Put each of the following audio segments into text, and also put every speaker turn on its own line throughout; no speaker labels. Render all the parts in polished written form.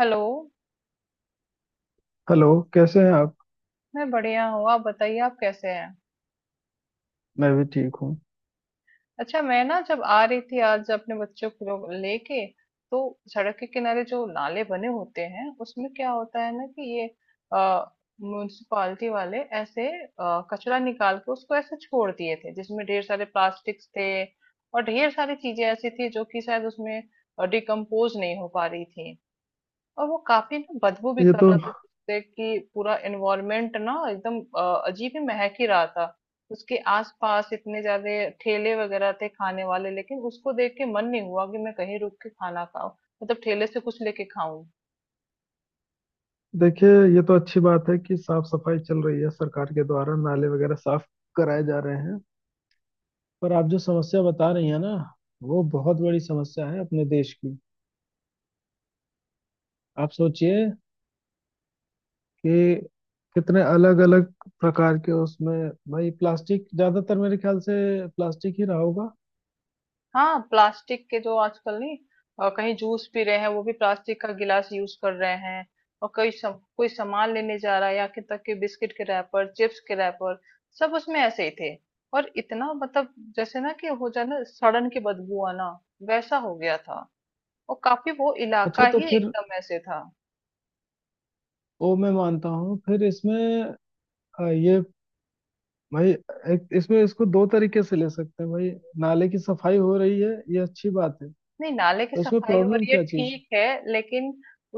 Hello.
Hello. कैसे हैं आप।
मैं बढ़िया हूँ, आप बताइए आप कैसे हैं?
मैं भी ठीक हूँ।
अच्छा, मैं ना जब आ रही थी आज अपने बच्चों को लोग लेके, तो सड़क के किनारे जो नाले बने होते हैं उसमें क्या होता है ना कि ये म्यूनिसिपालिटी वाले ऐसे कचरा निकाल के उसको ऐसे छोड़ दिए थे जिसमें ढेर सारे प्लास्टिक्स थे। और ढेर सारी चीजें ऐसी थी जो कि शायद उसमें डिकम्पोज नहीं हो पा रही थी। और वो काफी ना बदबू भी
ये
कर
तो
रहा था, जिससे कि पूरा एनवायरनमेंट ना एकदम अजीब ही महक ही रहा था। उसके आसपास इतने ज्यादा ठेले वगैरह थे खाने वाले, लेकिन उसको देख के मन नहीं हुआ कि मैं कहीं रुक के खाना खाऊं, मतलब ठेले से कुछ लेके खाऊं।
देखिए, ये तो अच्छी बात है कि साफ सफाई चल रही है सरकार के द्वारा, नाले वगैरह साफ कराए जा रहे हैं। पर आप जो समस्या बता रही हैं ना, वो बहुत बड़ी समस्या है अपने देश की। आप सोचिए कि कितने अलग अलग प्रकार के उसमें, भाई प्लास्टिक ज्यादातर, मेरे ख्याल से प्लास्टिक ही रहा होगा।
हाँ, प्लास्टिक के जो आजकल नहीं, कहीं जूस पी रहे हैं वो भी प्लास्टिक का गिलास यूज कर रहे हैं। और कोई सामान लेने जा रहा है या कि तक के बिस्किट के रैपर, चिप्स के रैपर, सब उसमें ऐसे ही थे। और इतना मतलब जैसे ना कि हो जाए ना सड़न की बदबू आना, वैसा हो गया था। और काफी वो
अच्छा
इलाका
तो
ही
फिर,
एकदम ऐसे था।
वो मैं मानता हूँ, फिर इसमें ये भाई, एक इसमें इसको दो तरीके से ले सकते हैं भाई। नाले की सफाई हो रही है, ये अच्छी बात है।
नहीं, नाले की
तो इसमें
सफाई हो
प्रॉब्लम
रही है
क्या चीज़ है?
ठीक है, लेकिन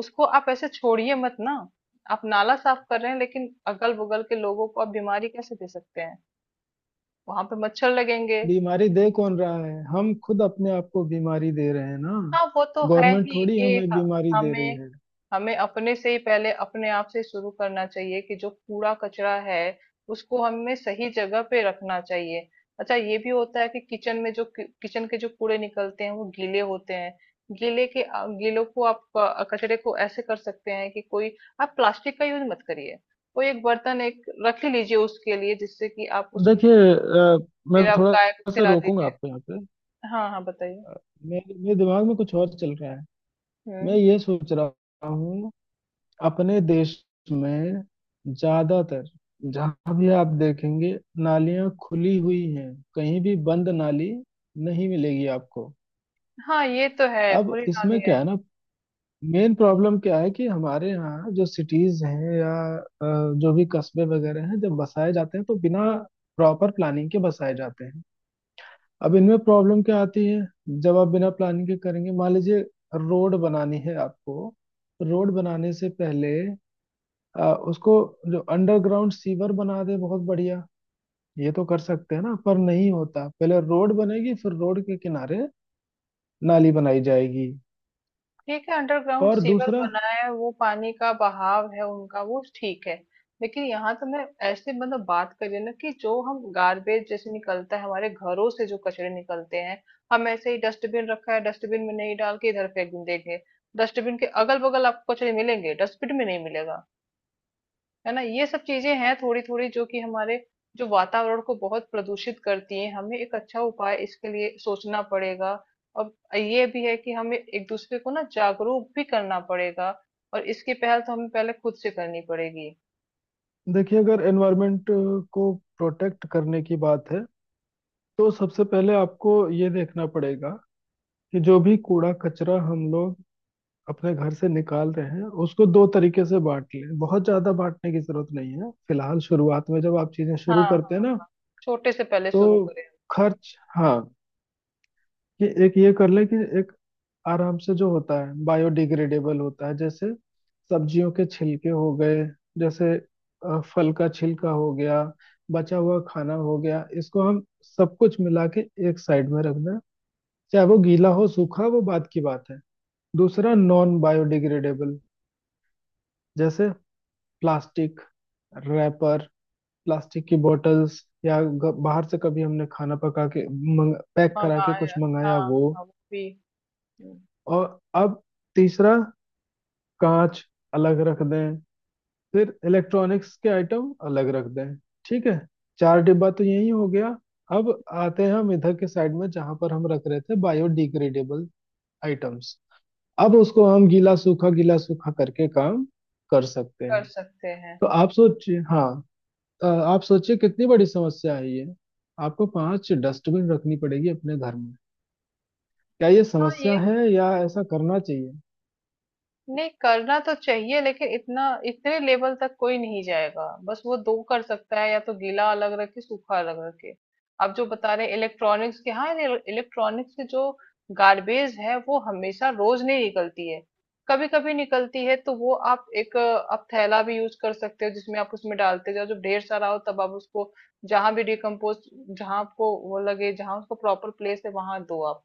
उसको आप ऐसे छोड़िए मत ना। आप नाला साफ कर रहे हैं लेकिन अगल बगल के लोगों को आप बीमारी कैसे दे सकते हैं? वहां पे मच्छर लगेंगे।
बीमारी दे कौन रहा है? हम खुद अपने आप को बीमारी दे रहे हैं ना।
हाँ वो तो है
गवर्नमेंट
ही
थोड़ी
कि
हमें बीमारी दे रही
हमें
है।
हमें अपने से ही पहले अपने आप से शुरू करना चाहिए कि जो कूड़ा कचरा है उसको हमें सही जगह पे रखना चाहिए। अच्छा, ये भी होता है कि किचन में जो किचन के जो कूड़े निकलते हैं वो गीले होते हैं। गीलों को आप कचरे को ऐसे कर सकते हैं कि कोई आप प्लास्टिक का यूज मत करिए। कोई एक बर्तन एक रख ही लीजिए उसके लिए, जिससे कि आप उसमें
देखिए, मैं
फिर आप गाय को
थोड़ा सा
खिला
रोकूंगा
दीजिए।
आपको यहाँ पे।
हाँ हाँ, बताइए।
अ, मेरे मेरे दिमाग में कुछ और चल रहा है। मैं
हम्म।
ये सोच रहा हूँ, अपने देश में ज्यादातर जहां भी आप देखेंगे, नालियां खुली हुई हैं, कहीं भी बंद नाली नहीं मिलेगी आपको।
हाँ ये तो है।
अब
खुली नाली
इसमें
है।
क्या है ना, मेन प्रॉब्लम क्या है कि हमारे यहाँ जो सिटीज हैं या जो भी कस्बे वगैरह हैं, जब बसाए जाते हैं तो बिना प्रॉपर प्लानिंग के बसाए जाते हैं। अब इनमें प्रॉब्लम क्या आती है जब आप बिना प्लानिंग के करेंगे? मान लीजिए रोड बनानी है आपको, रोड बनाने से पहले उसको, जो अंडरग्राउंड सीवर बना दे, बहुत बढ़िया। ये तो कर सकते हैं ना, पर नहीं होता। पहले रोड बनेगी, फिर रोड के किनारे नाली बनाई जाएगी।
ठीक है, अंडरग्राउंड
और
सीवर
दूसरा,
बना है, वो पानी का बहाव है उनका, वो ठीक है। लेकिन यहाँ तो मैं ऐसे मतलब बात करिए ना कि जो हम गार्बेज जैसे निकलता है हमारे घरों से, जो कचरे निकलते हैं, हम ऐसे ही डस्टबिन रखा है, डस्टबिन में नहीं डाल के इधर फेंक देंगे। डस्टबिन के अगल बगल आपको कचरे मिलेंगे, डस्टबिन में नहीं मिलेगा। है ना? ये सब चीजें हैं थोड़ी थोड़ी जो कि हमारे जो वातावरण को बहुत प्रदूषित करती हैं, हमें एक अच्छा उपाय इसके लिए सोचना पड़ेगा। और ये भी है कि हमें एक दूसरे को ना जागरूक भी करना पड़ेगा, और इसकी पहल तो हमें पहले खुद से करनी पड़ेगी।
देखिए अगर एनवायरमेंट को प्रोटेक्ट करने की बात है, तो सबसे पहले आपको ये देखना पड़ेगा कि जो भी कूड़ा कचरा हम लोग अपने घर से निकाल रहे हैं, उसको दो तरीके से बांट लें। बहुत ज्यादा बांटने की जरूरत नहीं है फिलहाल, शुरुआत में जब आप चीजें
हाँ
शुरू करते हैं
हाँ,
ना,
छोटे से पहले
तो
शुरू करें।
खर्च, हाँ। कि एक ये कर ले, कि एक आराम से जो होता है बायोडिग्रेडेबल होता है, जैसे सब्जियों के छिलके हो गए, जैसे फल का छिलका हो गया, बचा हुआ खाना हो गया, इसको हम सब कुछ मिला के एक साइड में रख दें। चाहे वो गीला हो सूखा, वो बात की बात है। दूसरा नॉन बायोडिग्रेडेबल, जैसे प्लास्टिक, रैपर, प्लास्टिक की बोतल्स, या बाहर से कभी हमने खाना पका के, पैक करा के
मंगाए
कुछ
हाँ।
मंगाया,
हाँ
वो।
हाँ, वो भी। हम्म।
और अब तीसरा कांच अलग रख दें, फिर इलेक्ट्रॉनिक्स के आइटम अलग रख दें। ठीक है, चार डिब्बा तो यही हो गया। अब आते हैं हम इधर के साइड में, जहां पर हम रख रहे थे बायोडिग्रेडेबल आइटम्स। अब उसको हम गीला सूखा करके काम कर सकते
कर
हैं।
सकते हैं।
तो आप सोचिए, हाँ, आप सोचिए कितनी बड़ी समस्या है ये। आपको पांच डस्टबिन रखनी पड़ेगी अपने घर में। क्या ये
हाँ ये
समस्या है या ऐसा करना चाहिए?
नहीं करना तो चाहिए, लेकिन इतना इतने लेवल तक कोई नहीं जाएगा, बस वो दो कर सकता है, या तो गीला अलग रखे सूखा अलग रखे। आप जो बता रहे इलेक्ट्रॉनिक्स के, हाँ इलेक्ट्रॉनिक्स के जो गार्बेज है वो हमेशा रोज नहीं निकलती है, कभी कभी निकलती है, तो वो आप एक आप थैला भी यूज कर सकते हो जिसमें आप उसमें डालते जाओ, जब ढेर सारा हो तब आप उसको जहां भी डिकम्पोज, जहां आपको वो लगे जहां उसको प्रॉपर प्लेस है, वहां दो आप।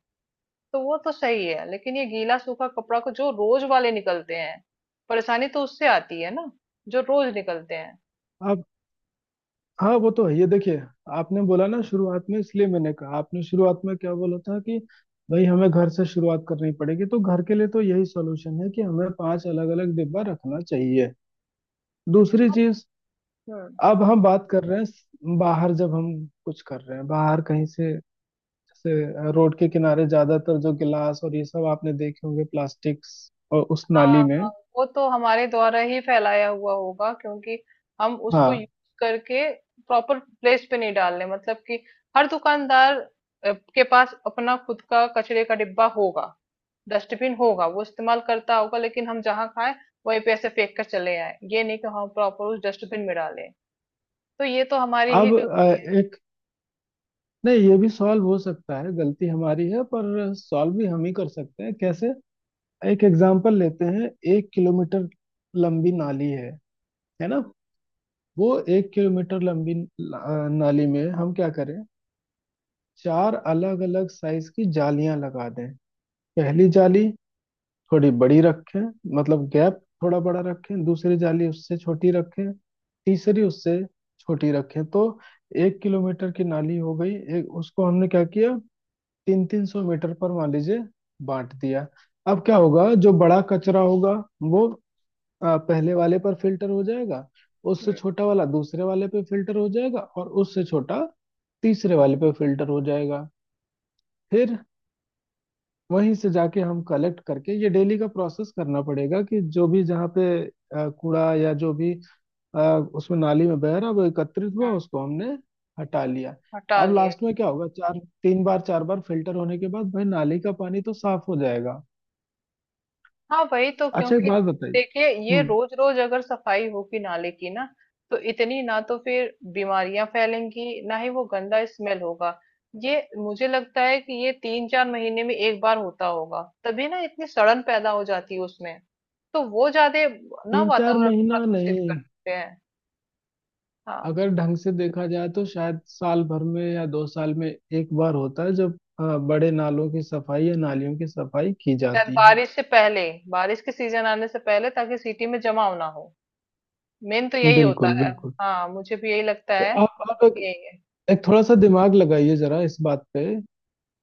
तो वो तो सही है, लेकिन ये गीला सूखा कपड़ा को जो रोज वाले निकलते हैं, परेशानी तो उससे आती है ना, जो रोज निकलते हैं।
आप, हाँ वो तो है, ये देखिए। आपने बोला ना शुरुआत में, इसलिए मैंने कहा, आपने शुरुआत में क्या बोला था कि भाई हमें घर से शुरुआत करनी पड़ेगी। तो घर के लिए तो यही सॉल्यूशन है कि हमें पांच अलग अलग डिब्बा रखना चाहिए। दूसरी
अब-
चीज,
हम्म।
अब हम बात कर रहे हैं बाहर, जब हम कुछ कर रहे हैं बाहर कहीं से। जैसे रोड के किनारे ज्यादातर जो गिलास और ये सब आपने देखे होंगे प्लास्टिक्स, और उस
हाँ
नाली
हाँ,
में।
वो तो हमारे द्वारा ही फैलाया हुआ होगा, क्योंकि हम उसको
हाँ।
यूज करके प्रॉपर प्लेस पे नहीं डाल रहे, मतलब कि हर दुकानदार के पास अपना खुद का कचरे का डिब्बा होगा, डस्टबिन होगा, वो इस्तेमाल करता होगा, लेकिन हम जहाँ खाए वहीं पे ऐसे फेंक कर चले आए, ये नहीं कि हम प्रॉपर उस डस्टबिन में डालें। तो ये तो हमारी ही
अब
गलती
एक, नहीं, ये भी सॉल्व हो सकता है। गलती हमारी है पर सॉल्व भी हम ही कर सकते हैं। कैसे? एक एग्जाम्पल लेते हैं। 1 किलोमीटर लंबी नाली है ना। वो 1 किलोमीटर लंबी नाली में हम क्या करें? चार अलग अलग साइज की जालियां लगा दें। पहली जाली थोड़ी बड़ी रखें, मतलब गैप थोड़ा बड़ा रखें, दूसरी जाली उससे छोटी रखें, तीसरी उससे छोटी रखें। तो 1 किलोमीटर की नाली हो गई एक, उसको हमने क्या किया, तीन 300 मीटर पर मान लीजिए बांट दिया। अब क्या होगा, जो बड़ा कचरा होगा वो पहले वाले पर फिल्टर हो जाएगा, उससे
है।
छोटा वाला दूसरे वाले पे फिल्टर हो जाएगा, और उससे छोटा तीसरे वाले पे फिल्टर हो जाएगा। फिर वहीं से जाके हम कलेक्ट करके, ये डेली का प्रोसेस करना पड़ेगा कि जो भी जहाँ पे कूड़ा या जो भी उसमें नाली में बह रहा, वो एकत्रित हुआ,
हाँ,
उसको हमने हटा लिया।
हटा
अब
लिए।
लास्ट में क्या होगा, चार, तीन बार चार बार फिल्टर होने के बाद, भाई, नाली का पानी तो साफ हो जाएगा।
हाँ वही तो,
अच्छा एक
क्योंकि
बात बताइए।
देखिए ये
हम्म।
रोज रोज अगर सफाई होगी नाले की ना, तो इतनी ना तो फिर बीमारियां फैलेंगी ना ही वो गंदा स्मेल होगा। ये मुझे लगता है कि ये तीन चार महीने में एक बार होता होगा, तभी ना इतनी सड़न पैदा हो जाती है उसमें, तो वो ज्यादा ना
तीन चार
वातावरण को
महीना
प्रदूषित
नहीं,
करते हैं। हाँ,
अगर ढंग से देखा जाए तो शायद साल भर में या 2 साल में एक बार होता है, जब बड़े नालों की सफाई या नालियों की सफाई की
शायद
जाती है।
बारिश से पहले, बारिश के सीजन आने से पहले, ताकि सिटी में जमाव ना हो। मेन तो यही होता
बिल्कुल
है।
बिल्कुल।
हाँ मुझे भी यही लगता
तो
है
आप एक,
कि यही है।
एक थोड़ा सा दिमाग लगाइए जरा इस बात पे,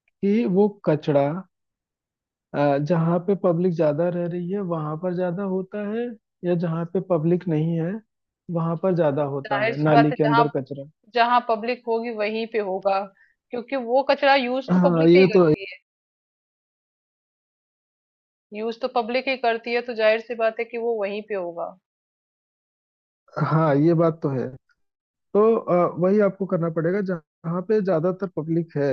कि वो कचरा जहाँ पे पब्लिक ज्यादा रह रही है वहां पर ज्यादा होता है, या जहाँ पे पब्लिक नहीं है वहां पर ज्यादा होता
जाहिर
है
सी बात
नाली
है
के
जहाँ,
अंदर कचरा?
जहाँ पब्लिक होगी वहीं पे होगा, क्योंकि वो कचरा यूज तो
हाँ
पब्लिक
ये
नहीं
तो है।
करती है। यूज तो पब्लिक ही करती है, तो जाहिर सी बात है कि वो वहीं पे होगा।
हाँ ये बात तो है। तो वही आपको करना पड़ेगा, जहाँ पे ज्यादातर पब्लिक है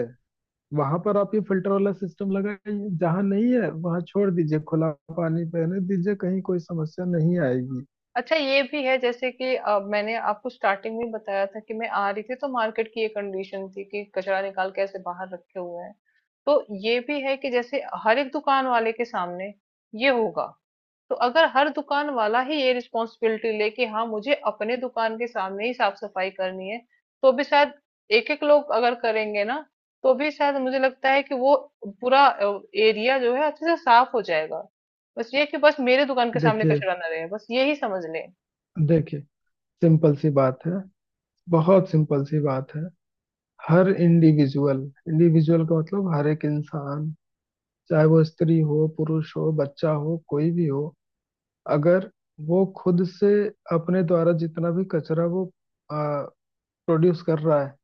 वहां पर आप ये फिल्टर वाला सिस्टम लगाइए, जहां नहीं है वहां छोड़ दीजिए खुला, पानी बहने दीजिए, कहीं कोई समस्या नहीं आएगी।
अच्छा ये भी है जैसे कि मैंने आपको स्टार्टिंग में बताया था कि मैं आ रही थी, तो मार्केट की ये कंडीशन थी कि कचरा निकाल के ऐसे बाहर रखे हुए हैं। तो ये भी है कि जैसे हर एक दुकान वाले के सामने ये होगा, तो अगर हर दुकान वाला ही ये रिस्पॉन्सिबिलिटी ले कि हाँ मुझे अपने दुकान के सामने ही साफ सफाई करनी है, तो भी शायद एक एक लोग अगर करेंगे ना, तो भी शायद मुझे लगता है कि वो पूरा एरिया जो है अच्छे से साफ हो जाएगा। बस ये कि बस मेरे दुकान के सामने
देखिए
कचरा ना रहे, बस ये ही समझ ले।
देखिए सिंपल सी बात है, बहुत सिंपल सी बात है। हर इंडिविजुअल, इंडिविजुअल का मतलब हर एक इंसान, चाहे वो स्त्री हो पुरुष हो बच्चा हो कोई भी हो, अगर वो खुद से अपने द्वारा जितना भी कचरा वो प्रोड्यूस कर रहा है,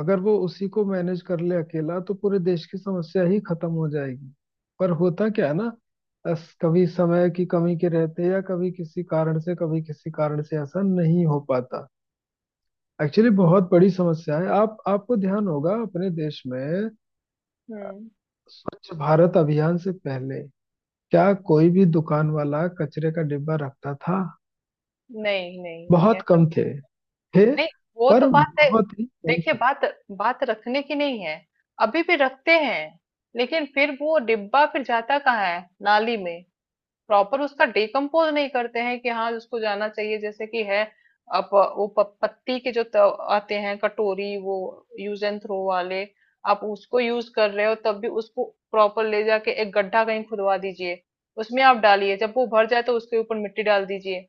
अगर वो उसी को मैनेज कर ले अकेला, तो पूरे देश की समस्या ही खत्म हो जाएगी। पर होता क्या है ना, अस कभी समय की कमी के रहते, या कभी किसी कारण से, कभी किसी कारण से ऐसा नहीं हो पाता। एक्चुअली बहुत बड़ी समस्या है। आप, आपको ध्यान होगा अपने देश में,
हम्म।
स्वच्छ भारत अभियान से पहले क्या कोई भी दुकान वाला कचरे का डिब्बा रखता था?
नहीं नहीं नहीं,
बहुत
ऐसा
कम
तो
थे थे
नहीं। वो तो
पर
बात है।
बहुत ही कम
देखिए
थे।
बात, बात रखने की नहीं है, अभी भी रखते हैं, लेकिन फिर वो डिब्बा फिर जाता कहाँ है? नाली में। प्रॉपर उसका डिकम्पोज नहीं करते हैं कि हाँ उसको जाना चाहिए, जैसे कि है। आप वो पत्ती के जो आते हैं कटोरी, वो यूज एंड थ्रो वाले, आप उसको यूज कर रहे हो, तब भी उसको प्रॉपर ले जाके एक गड्ढा कहीं खुदवा दीजिए, उसमें आप डालिए, जब वो भर जाए तो उसके ऊपर मिट्टी डाल दीजिए।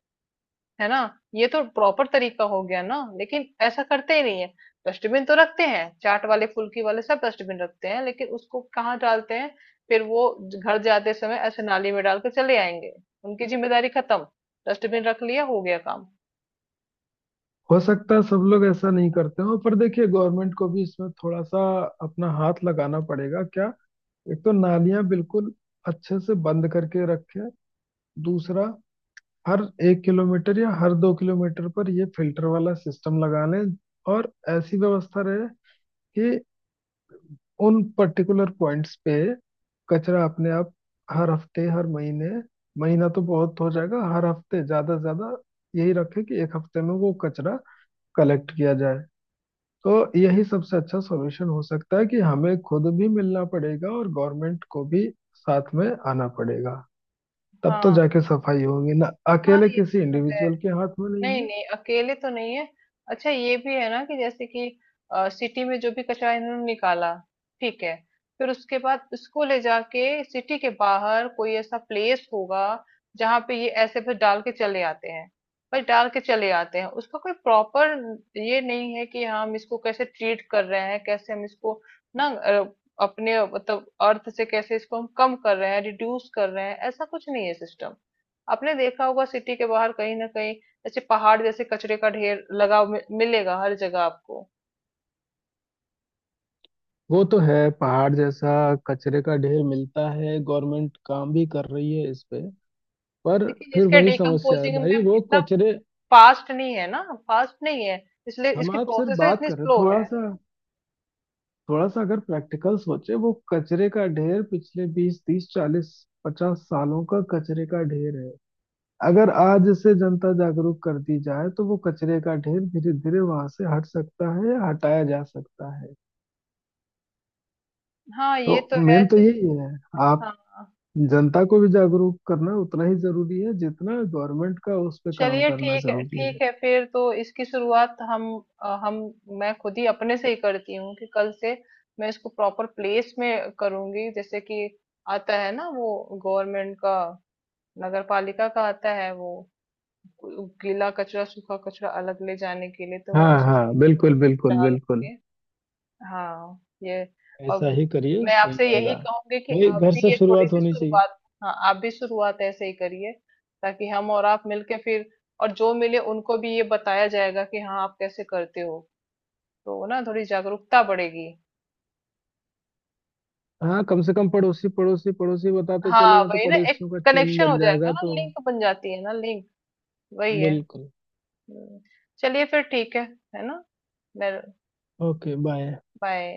है ना? ये तो प्रॉपर तरीका हो गया ना, लेकिन ऐसा करते ही नहीं है। डस्टबिन तो रखते हैं, चाट वाले फुल्की वाले सब डस्टबिन रखते हैं, लेकिन उसको कहाँ डालते हैं? फिर वो घर जाते समय ऐसे नाली में डाल के चले आएंगे। उनकी जिम्मेदारी खत्म, डस्टबिन रख लिया, हो गया काम।
हो सकता है सब लोग ऐसा नहीं करते हो, पर देखिए गवर्नमेंट को भी इसमें थोड़ा सा अपना हाथ लगाना पड़ेगा क्या। एक तो नालियां बिल्कुल अच्छे से बंद करके रखें, दूसरा हर 1 किलोमीटर या हर 2 किलोमीटर पर ये फिल्टर वाला सिस्टम लगा लें। और ऐसी व्यवस्था रहे कि उन पर्टिकुलर पॉइंट्स पे कचरा अपने आप हर हफ्ते, हर महीने, महीना तो बहुत हो जाएगा, हर हफ्ते ज्यादा से ज्यादा, यही रखें कि एक हफ्ते में वो कचरा कलेक्ट किया जाए। तो यही सबसे अच्छा सॉल्यूशन हो सकता है, कि हमें खुद भी मिलना पड़ेगा और गवर्नमेंट को भी साथ में आना पड़ेगा। तब तो
हाँ
जाके सफाई होगी ना,
हाँ
अकेले
ये
किसी
तो है।
इंडिविजुअल के हाथ में नहीं
नहीं,
है।
नहीं, अकेले तो नहीं है। अच्छा ये भी है ना कि जैसे कि सिटी में जो भी कचरा इन्होंने निकाला, ठीक है। फिर उसके बाद इसको ले जाके सिटी के बाहर कोई ऐसा प्लेस होगा जहाँ पे ये ऐसे फिर डाल के चले आते हैं। बस डाल के चले आते हैं। उसका कोई प्रॉपर ये नहीं है कि हाँ, हम इसको कैसे ट्रीट कर रहे हैं, कैसे हम इसको ना अपने मतलब अर्थ से कैसे इसको हम कम कर रहे हैं, रिड्यूस कर रहे हैं, ऐसा कुछ नहीं है सिस्टम। आपने देखा होगा सिटी के बाहर कहीं न कहीं ऐसे पहाड़ जैसे कचरे का ढेर लगा मिलेगा हर जगह आपको।
वो तो है, पहाड़ जैसा कचरे का ढेर मिलता है, गवर्नमेंट काम भी कर रही है इस पे, पर
लेकिन
फिर
इसके
वही समस्या है
डिकम्पोजिंग
भाई,
में
वो
इतना
कचरे।
फास्ट नहीं है ना, फास्ट नहीं है, इसलिए
हम
इसकी
आप सिर्फ
प्रोसेस
बात
इतनी
कर रहे हैं,
स्लो है।
थोड़ा सा अगर प्रैक्टिकल सोचे, वो कचरे का ढेर पिछले 20, 30, 40, 50 सालों का कचरे का ढेर है। अगर आज से जनता जागरूक कर दी जाए तो वो कचरे का ढेर धीरे धीरे वहां से हट सकता है या हटाया जा सकता है।
हाँ
तो
ये तो है।
मेन तो यही है। आप,
हाँ,
जनता को भी जागरूक करना उतना ही जरूरी है, जितना गवर्नमेंट का उस पर काम
चलिए
करना
ठीक है,
जरूरी है।
ठीक है, फिर तो इसकी शुरुआत हम अ, हम मैं खुद ही अपने से ही करती हूँ कि कल से मैं इसको प्रॉपर प्लेस में करूंगी। जैसे कि आता है ना वो गवर्नमेंट का, नगर पालिका का आता है वो, उ गीला कचरा, सूखा कचरा अलग ले जाने के लिए, तो मैं
हाँ हाँ,
उसको
बिल्कुल बिल्कुल बिल्कुल।
डालूँगी। हाँ, ये
ऐसा
अब
ही करिए,
मैं
सही
आपसे
रहेगा।
यही कहूँगी कि
भाई
आप
घर
भी
से
ये
शुरुआत
थोड़ी-सी
होनी चाहिए।
शुरुआत, हाँ, आप भी शुरुआत ऐसे ही करिए, ताकि हम और आप मिलके फिर और जो मिले उनको भी ये बताया जाएगा कि हाँ, आप कैसे करते हो। तो ना थोड़ी जागरूकता बढ़ेगी।
हाँ कम से कम, पड़ोसी पड़ोसी पड़ोसी बताते चले
हाँ,
जाओ, तो
वही ना एक
पड़ोसियों का चेन
कनेक्शन हो
बन
जाएगा
जाएगा,
ना,
तो।
लिंक बन जाती है ना लिंक, वही है।
बिल्कुल।
हुँ, चलिए फिर ठीक है ना? मैं
ओके, बाय।
बाय।